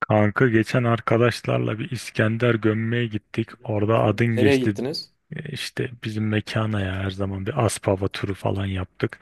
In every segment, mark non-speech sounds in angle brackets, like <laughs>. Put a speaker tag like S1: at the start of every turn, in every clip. S1: Kanka geçen arkadaşlarla bir İskender gömmeye gittik. Orada adın
S2: Nereye
S1: geçti.
S2: gittiniz?
S1: İşte bizim mekana ya, her zaman bir Aspava turu falan yaptık.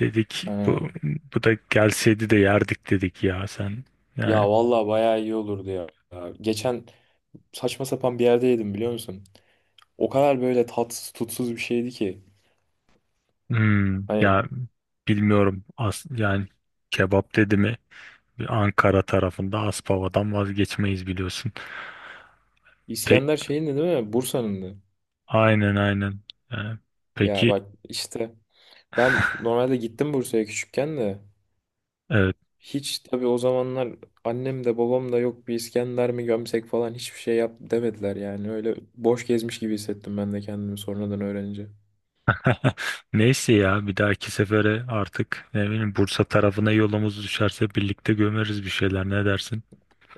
S1: Dedik
S2: Ha.
S1: bu da gelseydi de yerdik dedik ya sen.
S2: Ya
S1: Yani
S2: vallahi bayağı iyi olurdu ya. Ya geçen saçma sapan bir yerde yedim biliyor musun? O kadar böyle tatsız tutsuz bir şeydi ki.
S1: hmm,
S2: Hani
S1: ya bilmiyorum yani kebap dedi mi Ankara tarafında Aspava'dan vazgeçmeyiz biliyorsun. Pe
S2: İskender şeyindi değil mi? Bursa'nındı.
S1: aynen, aynen. Yani
S2: Ya
S1: peki
S2: bak işte ben normalde gittim Bursa'ya küçükken de.
S1: <laughs>
S2: Hiç tabii o zamanlar annem de babam da yok bir İskender mi gömsek falan hiçbir şey yap demediler yani. Öyle boş gezmiş gibi hissettim ben de kendimi sonradan öğrenince.
S1: <laughs> Neyse ya, bir dahaki sefere artık ne bileyim, Bursa tarafına yolumuz düşerse birlikte gömeriz bir şeyler, ne dersin?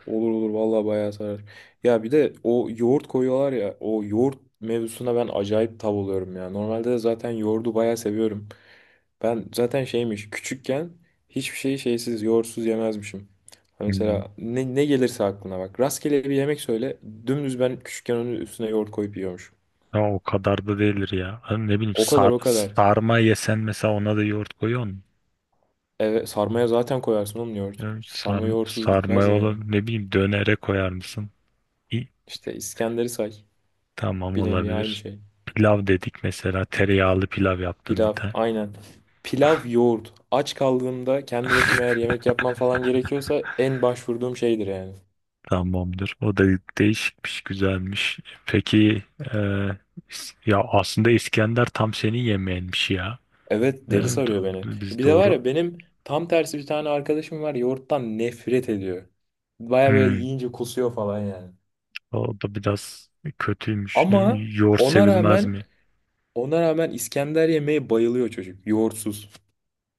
S2: Olur olur vallahi bayağı sarar. Ya bir de o yoğurt koyuyorlar ya o yoğurt mevzusuna ben acayip tav oluyorum ya. Normalde de zaten yoğurdu bayağı seviyorum. Ben zaten şeymiş küçükken hiçbir şeyi şeysiz yoğurtsuz yemezmişim. Hani
S1: Hmm.
S2: mesela ne gelirse aklına bak. Rastgele bir yemek söyle dümdüz ben küçükken onun üstüne yoğurt koyup yiyormuşum.
S1: Ya o kadar da değildir ya. Hani ne bileyim,
S2: O kadar, o kadar.
S1: sarma yesen mesela, ona da yoğurt koyuyor musun?
S2: Evet, sarmaya zaten koyarsın oğlum yoğurt.
S1: Ya
S2: Sarma yoğurtsuz
S1: sarma
S2: gitmez
S1: olur,
S2: yani.
S1: ne bileyim dönere koyar mısın? İyi,
S2: İşte İskender'i say.
S1: tamam,
S2: Bir nevi aynı
S1: olabilir.
S2: şey.
S1: Pilav dedik mesela, tereyağlı pilav yaptım bir
S2: Pilav,
S1: tane.
S2: aynen. Pilav, yoğurt. Aç kaldığımda kendi başıma eğer yemek yapmam falan gerekiyorsa en başvurduğum şeydir yani.
S1: Tamamdır. O da değişikmiş, güzelmiş. Peki ya aslında İskender tam senin yemeğinmiş ya.
S2: Evet,
S1: Değil
S2: deli
S1: mi?
S2: sarıyor beni.
S1: Biz
S2: Bir de var
S1: doğru.
S2: ya benim tam tersi bir tane arkadaşım var yoğurttan nefret ediyor. Baya böyle
S1: Hmm,
S2: yiyince kusuyor falan yani.
S1: o da biraz kötüymüş. Ne
S2: Ama
S1: bileyim, yoğurt
S2: ona
S1: sevilmez
S2: rağmen
S1: mi?
S2: ona rağmen İskender yemeği bayılıyor çocuk. Yoğurtsuz.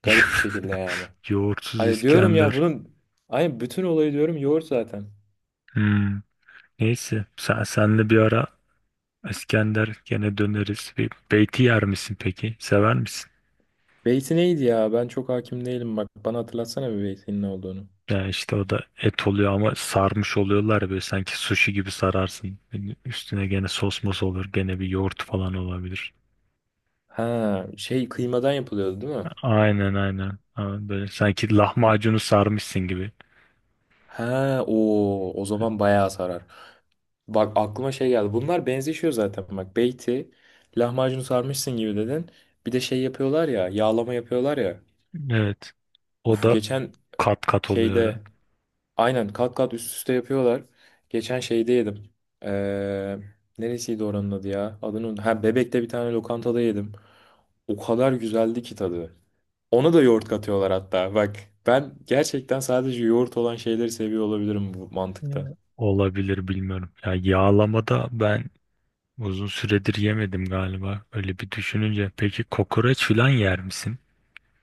S2: Garip bir şekilde yani.
S1: <laughs> Yoğurtsuz
S2: Hani diyorum ya
S1: İskender.
S2: bunun hani bütün olayı diyorum yoğurt zaten.
S1: Hmm, neyse. Senle bir ara İskender gene döneriz. Bir beyti yer misin peki? Sever misin?
S2: Beyti neydi ya? Ben çok hakim değilim. Bak bana hatırlatsana bir beytin ne olduğunu.
S1: Ya işte o da et oluyor ama sarmış oluyorlar ya, böyle sanki sushi gibi sararsın. Yani üstüne gene sos mos olur, gene bir yoğurt falan olabilir.
S2: Ha, şey kıymadan yapılıyordu değil mi?
S1: Aynen, aynen. Ama böyle sanki lahmacunu sarmışsın gibi.
S2: Ha, o zaman bayağı sarar. Bak aklıma şey geldi. Bunlar benzeşiyor zaten. Bak beyti lahmacunu sarmışsın gibi dedin. Bir de şey yapıyorlar ya, yağlama yapıyorlar ya.
S1: Evet. O
S2: Uf
S1: da
S2: geçen
S1: kat kat oluyor herhalde.
S2: şeyde aynen kat kat üst üste yapıyorlar. Geçen şeyde yedim. Ee, Neresiydi oranın adı ya? Ha, Bebek'te bir tane lokantada yedim. O kadar güzeldi ki tadı. Ona da yoğurt katıyorlar hatta. Bak ben gerçekten sadece yoğurt olan şeyleri seviyor olabilirim bu mantıkta.
S1: Evet. Olabilir, bilmiyorum. Ya yağlamada ben uzun süredir yemedim galiba. Öyle bir düşününce. Peki kokoreç falan yer misin?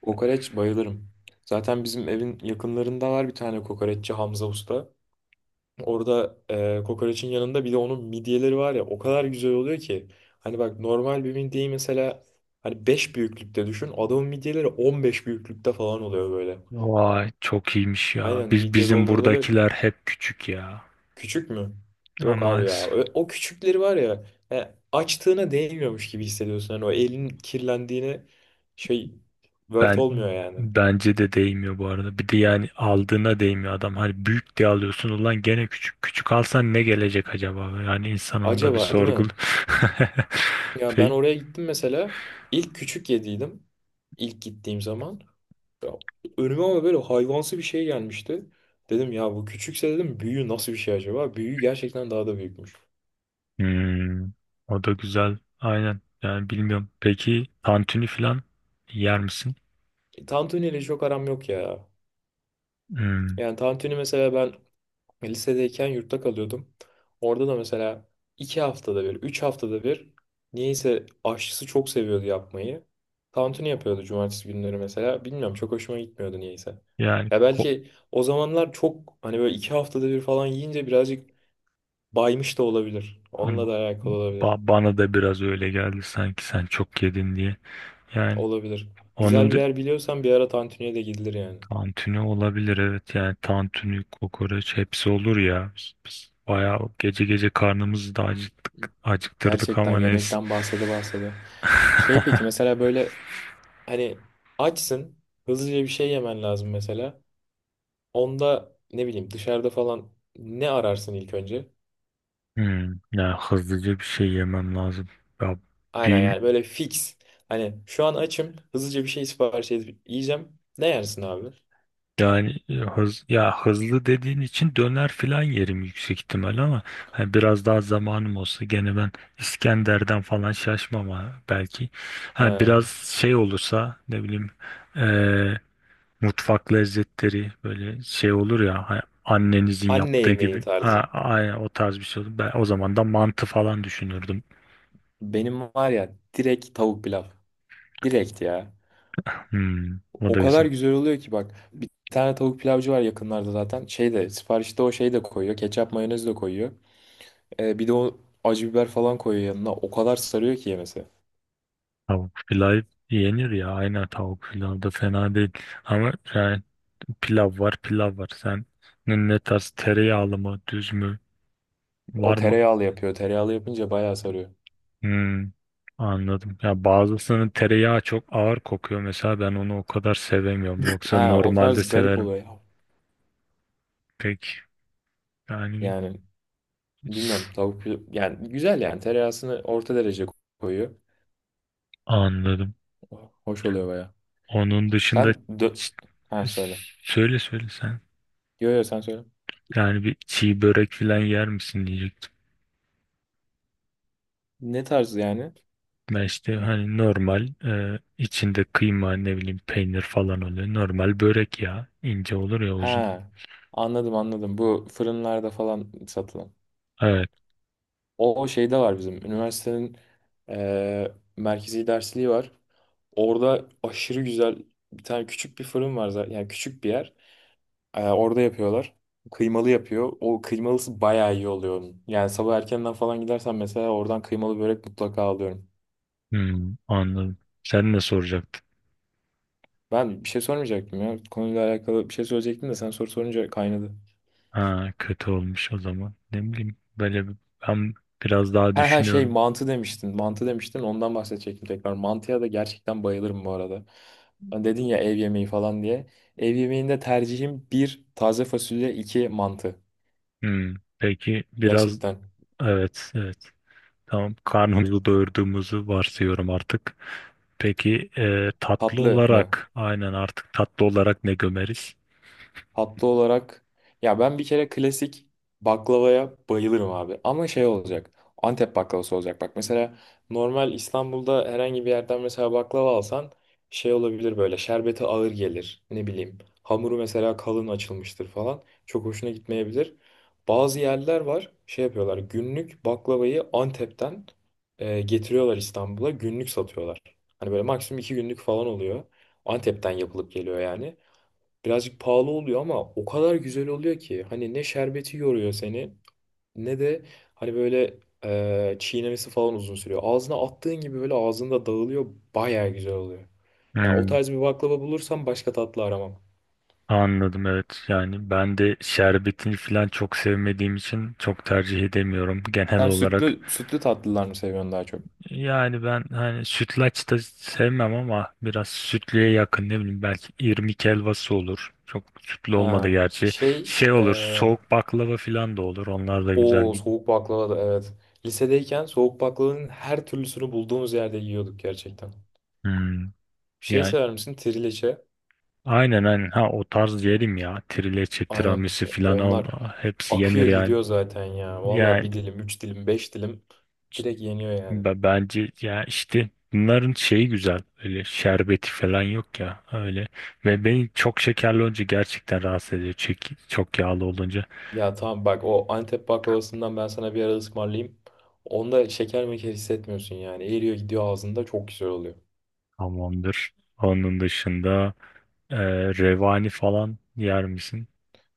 S2: Kokoreç bayılırım. Zaten bizim evin yakınlarında var bir tane kokoreççi Hamza Usta. Orada kokoreçin yanında bir de onun midyeleri var ya o kadar güzel oluyor ki. Hani bak normal bir midyeyi mesela hani 5 büyüklükte düşün. Adamın midyeleri 15 büyüklükte falan oluyor böyle.
S1: Vay, çok iyiymiş ya.
S2: Aynen
S1: Biz,
S2: midye
S1: bizim
S2: dolmaları
S1: buradakiler hep küçük ya.
S2: küçük mü?
S1: Ama
S2: Yok abi ya.
S1: maalesef
S2: O küçükleri var ya açtığına değmiyormuş gibi hissediyorsun. Hani o elin kirlendiğine şey vert
S1: ben
S2: olmuyor yani.
S1: bence de değmiyor bu arada. Bir de yani aldığına değmiyor adam. Hani büyük diye alıyorsun, ulan gene küçük. Küçük alsan ne gelecek acaba? Yani insan onda bir
S2: Acaba değil
S1: sorgul.
S2: mi?
S1: <laughs>
S2: Ya ben
S1: Peki.
S2: oraya gittim mesela. İlk küçük yediydim. İlk gittiğim zaman. Ya, önüme ama böyle hayvansı bir şey gelmişti. Dedim ya bu küçükse dedim büyüğü nasıl bir şey acaba? Büyüğü gerçekten daha da büyükmüş.
S1: Hmm, o da güzel. Aynen. Yani bilmiyorum. Peki tantuni falan yer misin?
S2: Tantuni ile çok aram yok ya.
S1: Hmm,
S2: Yani tantuni mesela ben lisedeyken yurtta kalıyordum. Orada da mesela 2 haftada bir, 3 haftada bir niyeyse aşçısı çok seviyordu yapmayı. Tantuni yapıyordu cumartesi günleri mesela. Bilmiyorum çok hoşuma gitmiyordu niyeyse.
S1: yani
S2: Ya
S1: ko-
S2: belki o zamanlar çok hani böyle 2 haftada bir falan yiyince birazcık baymış da olabilir. Onunla da alakalı olabilir.
S1: bana da biraz öyle geldi sanki, sen çok yedin diye. Yani
S2: Olabilir. Güzel
S1: onun
S2: bir yer biliyorsan bir ara tantuniye de gidilir yani.
S1: tantuni olabilir, evet. Yani tantuni, kokoreç hepsi olur ya. Biz bayağı gece gece karnımızı da acıktık, acıktırdık
S2: Gerçekten
S1: ama neyse.
S2: yemekten bahsede bahsede. Şey peki
S1: <laughs>
S2: mesela böyle hani açsın hızlıca bir şey yemen lazım mesela. Onda ne bileyim dışarıda falan ne ararsın ilk önce?
S1: Hmm, ya hızlıca bir şey yemem lazım. Ya
S2: Aynen
S1: bil-
S2: yani böyle fix. Hani şu an açım hızlıca bir şey sipariş edip yiyeceğim. Ne yersin abi?
S1: Yani hız ya, hızlı dediğin için döner filan yerim yüksek ihtimal, ama hani biraz daha zamanım olsa gene ben İskender'den falan şaşmam ha, belki. Ha
S2: Ha,
S1: biraz şey olursa, ne bileyim, mutfak lezzetleri böyle şey olur ya, annenizin
S2: anne
S1: yaptığı
S2: yemeği
S1: gibi. Ha,
S2: tarzı.
S1: aynen o tarz bir şey olur. Ben o zaman da mantı falan düşünürdüm.
S2: Benim var ya direkt tavuk pilav. Direkt ya.
S1: Hmm, o
S2: O
S1: da
S2: kadar
S1: güzel.
S2: güzel oluyor ki bak. Bir tane tavuk pilavcı var yakınlarda zaten. Şey de siparişte o şey de koyuyor. Ketçap, mayonez de koyuyor. Bir de o acı biber falan koyuyor yanına. O kadar sarıyor ki yemesi.
S1: Tavuk pilav yenir ya, aynen tavuk pilav da fena değil. Ama yani pilav var, pilav var. Sen ne tarz, tereyağlı mı düz mü
S2: O
S1: var mı?
S2: tereyağlı yapıyor. Tereyağlı yapınca bayağı sarıyor.
S1: Hmm, anladım. Ya bazısının tereyağı çok ağır kokuyor mesela, ben onu o kadar sevemiyorum. Yoksa
S2: Ha o
S1: normalde
S2: tarz garip
S1: severim.
S2: oluyor ya.
S1: Peki yani
S2: Yani bilmiyorum tavuk pilav yani güzel yani tereyağısını orta derece koyuyor.
S1: anladım.
S2: Hoş oluyor bayağı.
S1: Onun dışında
S2: Sen dö
S1: ç-
S2: Ha, söyle.
S1: söyle, söyle sen.
S2: Yo, yo, sen söyle.
S1: Yani bir çiğ börek falan yer misin diyecektim.
S2: Ne tarz yani?
S1: Ben işte hani normal, içinde kıyma, ne bileyim peynir falan oluyor. Normal börek ya, ince olur ya, uzun.
S2: Ha, anladım anladım. Bu fırınlarda falan satılan.
S1: Evet.
S2: O şeyde var bizim. Üniversitenin eee, merkezi dersliği var. Orada aşırı güzel bir tane küçük bir fırın var zaten. Yani küçük bir yer. Orada yapıyorlar. Kıymalı yapıyor. O kıymalısı bayağı iyi oluyor onun. Yani sabah erkenden falan gidersen mesela oradan kıymalı börek mutlaka alıyorum.
S1: Hmm, anladım. Sen ne soracaktın?
S2: Ben bir şey sormayacaktım ya. Konuyla alakalı bir şey söyleyecektim de sen soru sorunca kaynadı.
S1: Ha, kötü olmuş o zaman. Ne bileyim böyle ben biraz daha
S2: He he, şey
S1: düşünüyorum.
S2: mantı demiştin. Mantı demiştin. Ondan bahsedecektim tekrar. Mantıya da gerçekten bayılırım bu arada. Hani dedin ya ev yemeği falan diye. Ev yemeğinde tercihim bir taze fasulye, iki mantı.
S1: Hmm, peki biraz,
S2: Gerçekten.
S1: evet evet. Tamam, karnımızı doyurduğumuzu varsayıyorum artık. Peki tatlı
S2: Tatlı mı?
S1: olarak, aynen, artık tatlı olarak ne gömeriz?
S2: Tatlı olarak ya ben bir kere klasik baklavaya bayılırım abi. Ama şey olacak. Antep baklavası olacak. Bak mesela normal İstanbul'da herhangi bir yerden mesela baklava alsan şey olabilir böyle şerbeti ağır gelir. Ne bileyim. Hamuru mesela kalın açılmıştır falan. Çok hoşuna gitmeyebilir. Bazı yerler var şey yapıyorlar. Günlük baklavayı Antep'ten getiriyorlar İstanbul'a. Günlük satıyorlar. Hani böyle maksimum 2 günlük falan oluyor. Antep'ten yapılıp geliyor yani. Birazcık pahalı oluyor ama o kadar güzel oluyor ki hani ne şerbeti yoruyor seni ne de hani böyle çiğnemesi falan uzun sürüyor. Ağzına attığın gibi böyle ağzında dağılıyor baya güzel oluyor. Yani o
S1: Hmm,
S2: tarz bir baklava bulursam başka tatlı aramam.
S1: anladım, evet. Yani ben de şerbetini falan çok sevmediğim için çok tercih edemiyorum genel
S2: Sen
S1: olarak.
S2: sütlü sütlü tatlılar mı seviyorsun daha çok?
S1: Yani ben hani sütlaç da sevmem, ama biraz sütlüye yakın ne bileyim, belki irmik helvası olur. Çok sütlü olmadı
S2: Ha
S1: gerçi.
S2: şey
S1: Şey olur, soğuk baklava falan da olur, onlar da güzel
S2: o
S1: gidiyor.
S2: soğuk baklava da evet. Lisedeyken soğuk baklavanın her türlüsünü bulduğumuz yerde yiyorduk gerçekten.
S1: Hmm.
S2: Şey
S1: Yani
S2: sever misin? Trileçe.
S1: aynen, aynen. Ha, o tarz yerim ya. Trileçe,
S2: Aynen
S1: tiramisu filan on
S2: onlar
S1: hepsi yenir
S2: akıyor
S1: yani.
S2: gidiyor zaten ya. Valla
S1: Yani
S2: bir dilim, üç dilim, beş dilim
S1: c-
S2: direkt yeniyor yani.
S1: bence ya işte bunların şeyi güzel. Öyle şerbeti falan yok ya öyle. Ve beni çok şekerli olunca gerçekten rahatsız ediyor. Çok yağlı olunca
S2: Ya tamam bak o Antep baklavasından ben sana bir ara ısmarlayayım. Onda şeker meker hissetmiyorsun yani. Eriyor gidiyor ağzında çok güzel oluyor.
S1: tamamdır. Onun dışında e, revani falan yer misin?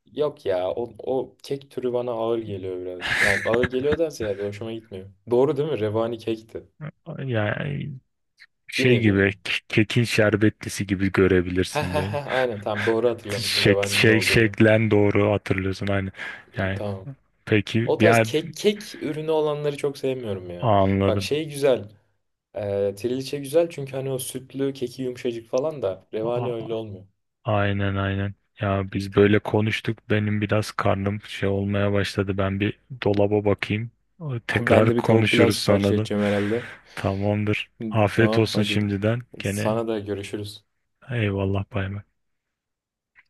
S2: Yok ya o kek türü bana ağır geliyor biraz. Yani ağır geliyor da ziyade hoşuma gitmiyor. Doğru değil mi? Revani kekti.
S1: Yani
S2: Bir
S1: şey
S2: nevi
S1: gibi,
S2: mi? <laughs>
S1: kekin şerbetlisi gibi
S2: He
S1: görebilirsin
S2: he he,
S1: böyle.
S2: aynen, tamam, doğru hatırlamışım Revani'nin olduğunu.
S1: Şeklen doğru hatırlıyorsun aynı. Yani
S2: Tamam.
S1: peki
S2: O tarz
S1: yani
S2: kek ürünü olanları çok sevmiyorum ya. Bak
S1: anladım.
S2: şey güzel. Triliçe güzel çünkü hani o sütlü keki yumuşacık falan da revani
S1: A-
S2: öyle olmuyor.
S1: aynen, aynen. Ya biz böyle konuştuk. Benim biraz karnım şey olmaya başladı. Ben bir dolaba bakayım.
S2: <laughs> Ben
S1: Tekrar
S2: de bir tavuk pilav
S1: konuşuruz
S2: sipariş
S1: sonradan.
S2: edeceğim herhalde.
S1: Tamamdır.
S2: Hı.
S1: Afiyet
S2: Tamam,
S1: olsun
S2: hadi.
S1: şimdiden. Gene
S2: Sana da görüşürüz.
S1: eyvallah, bay bay.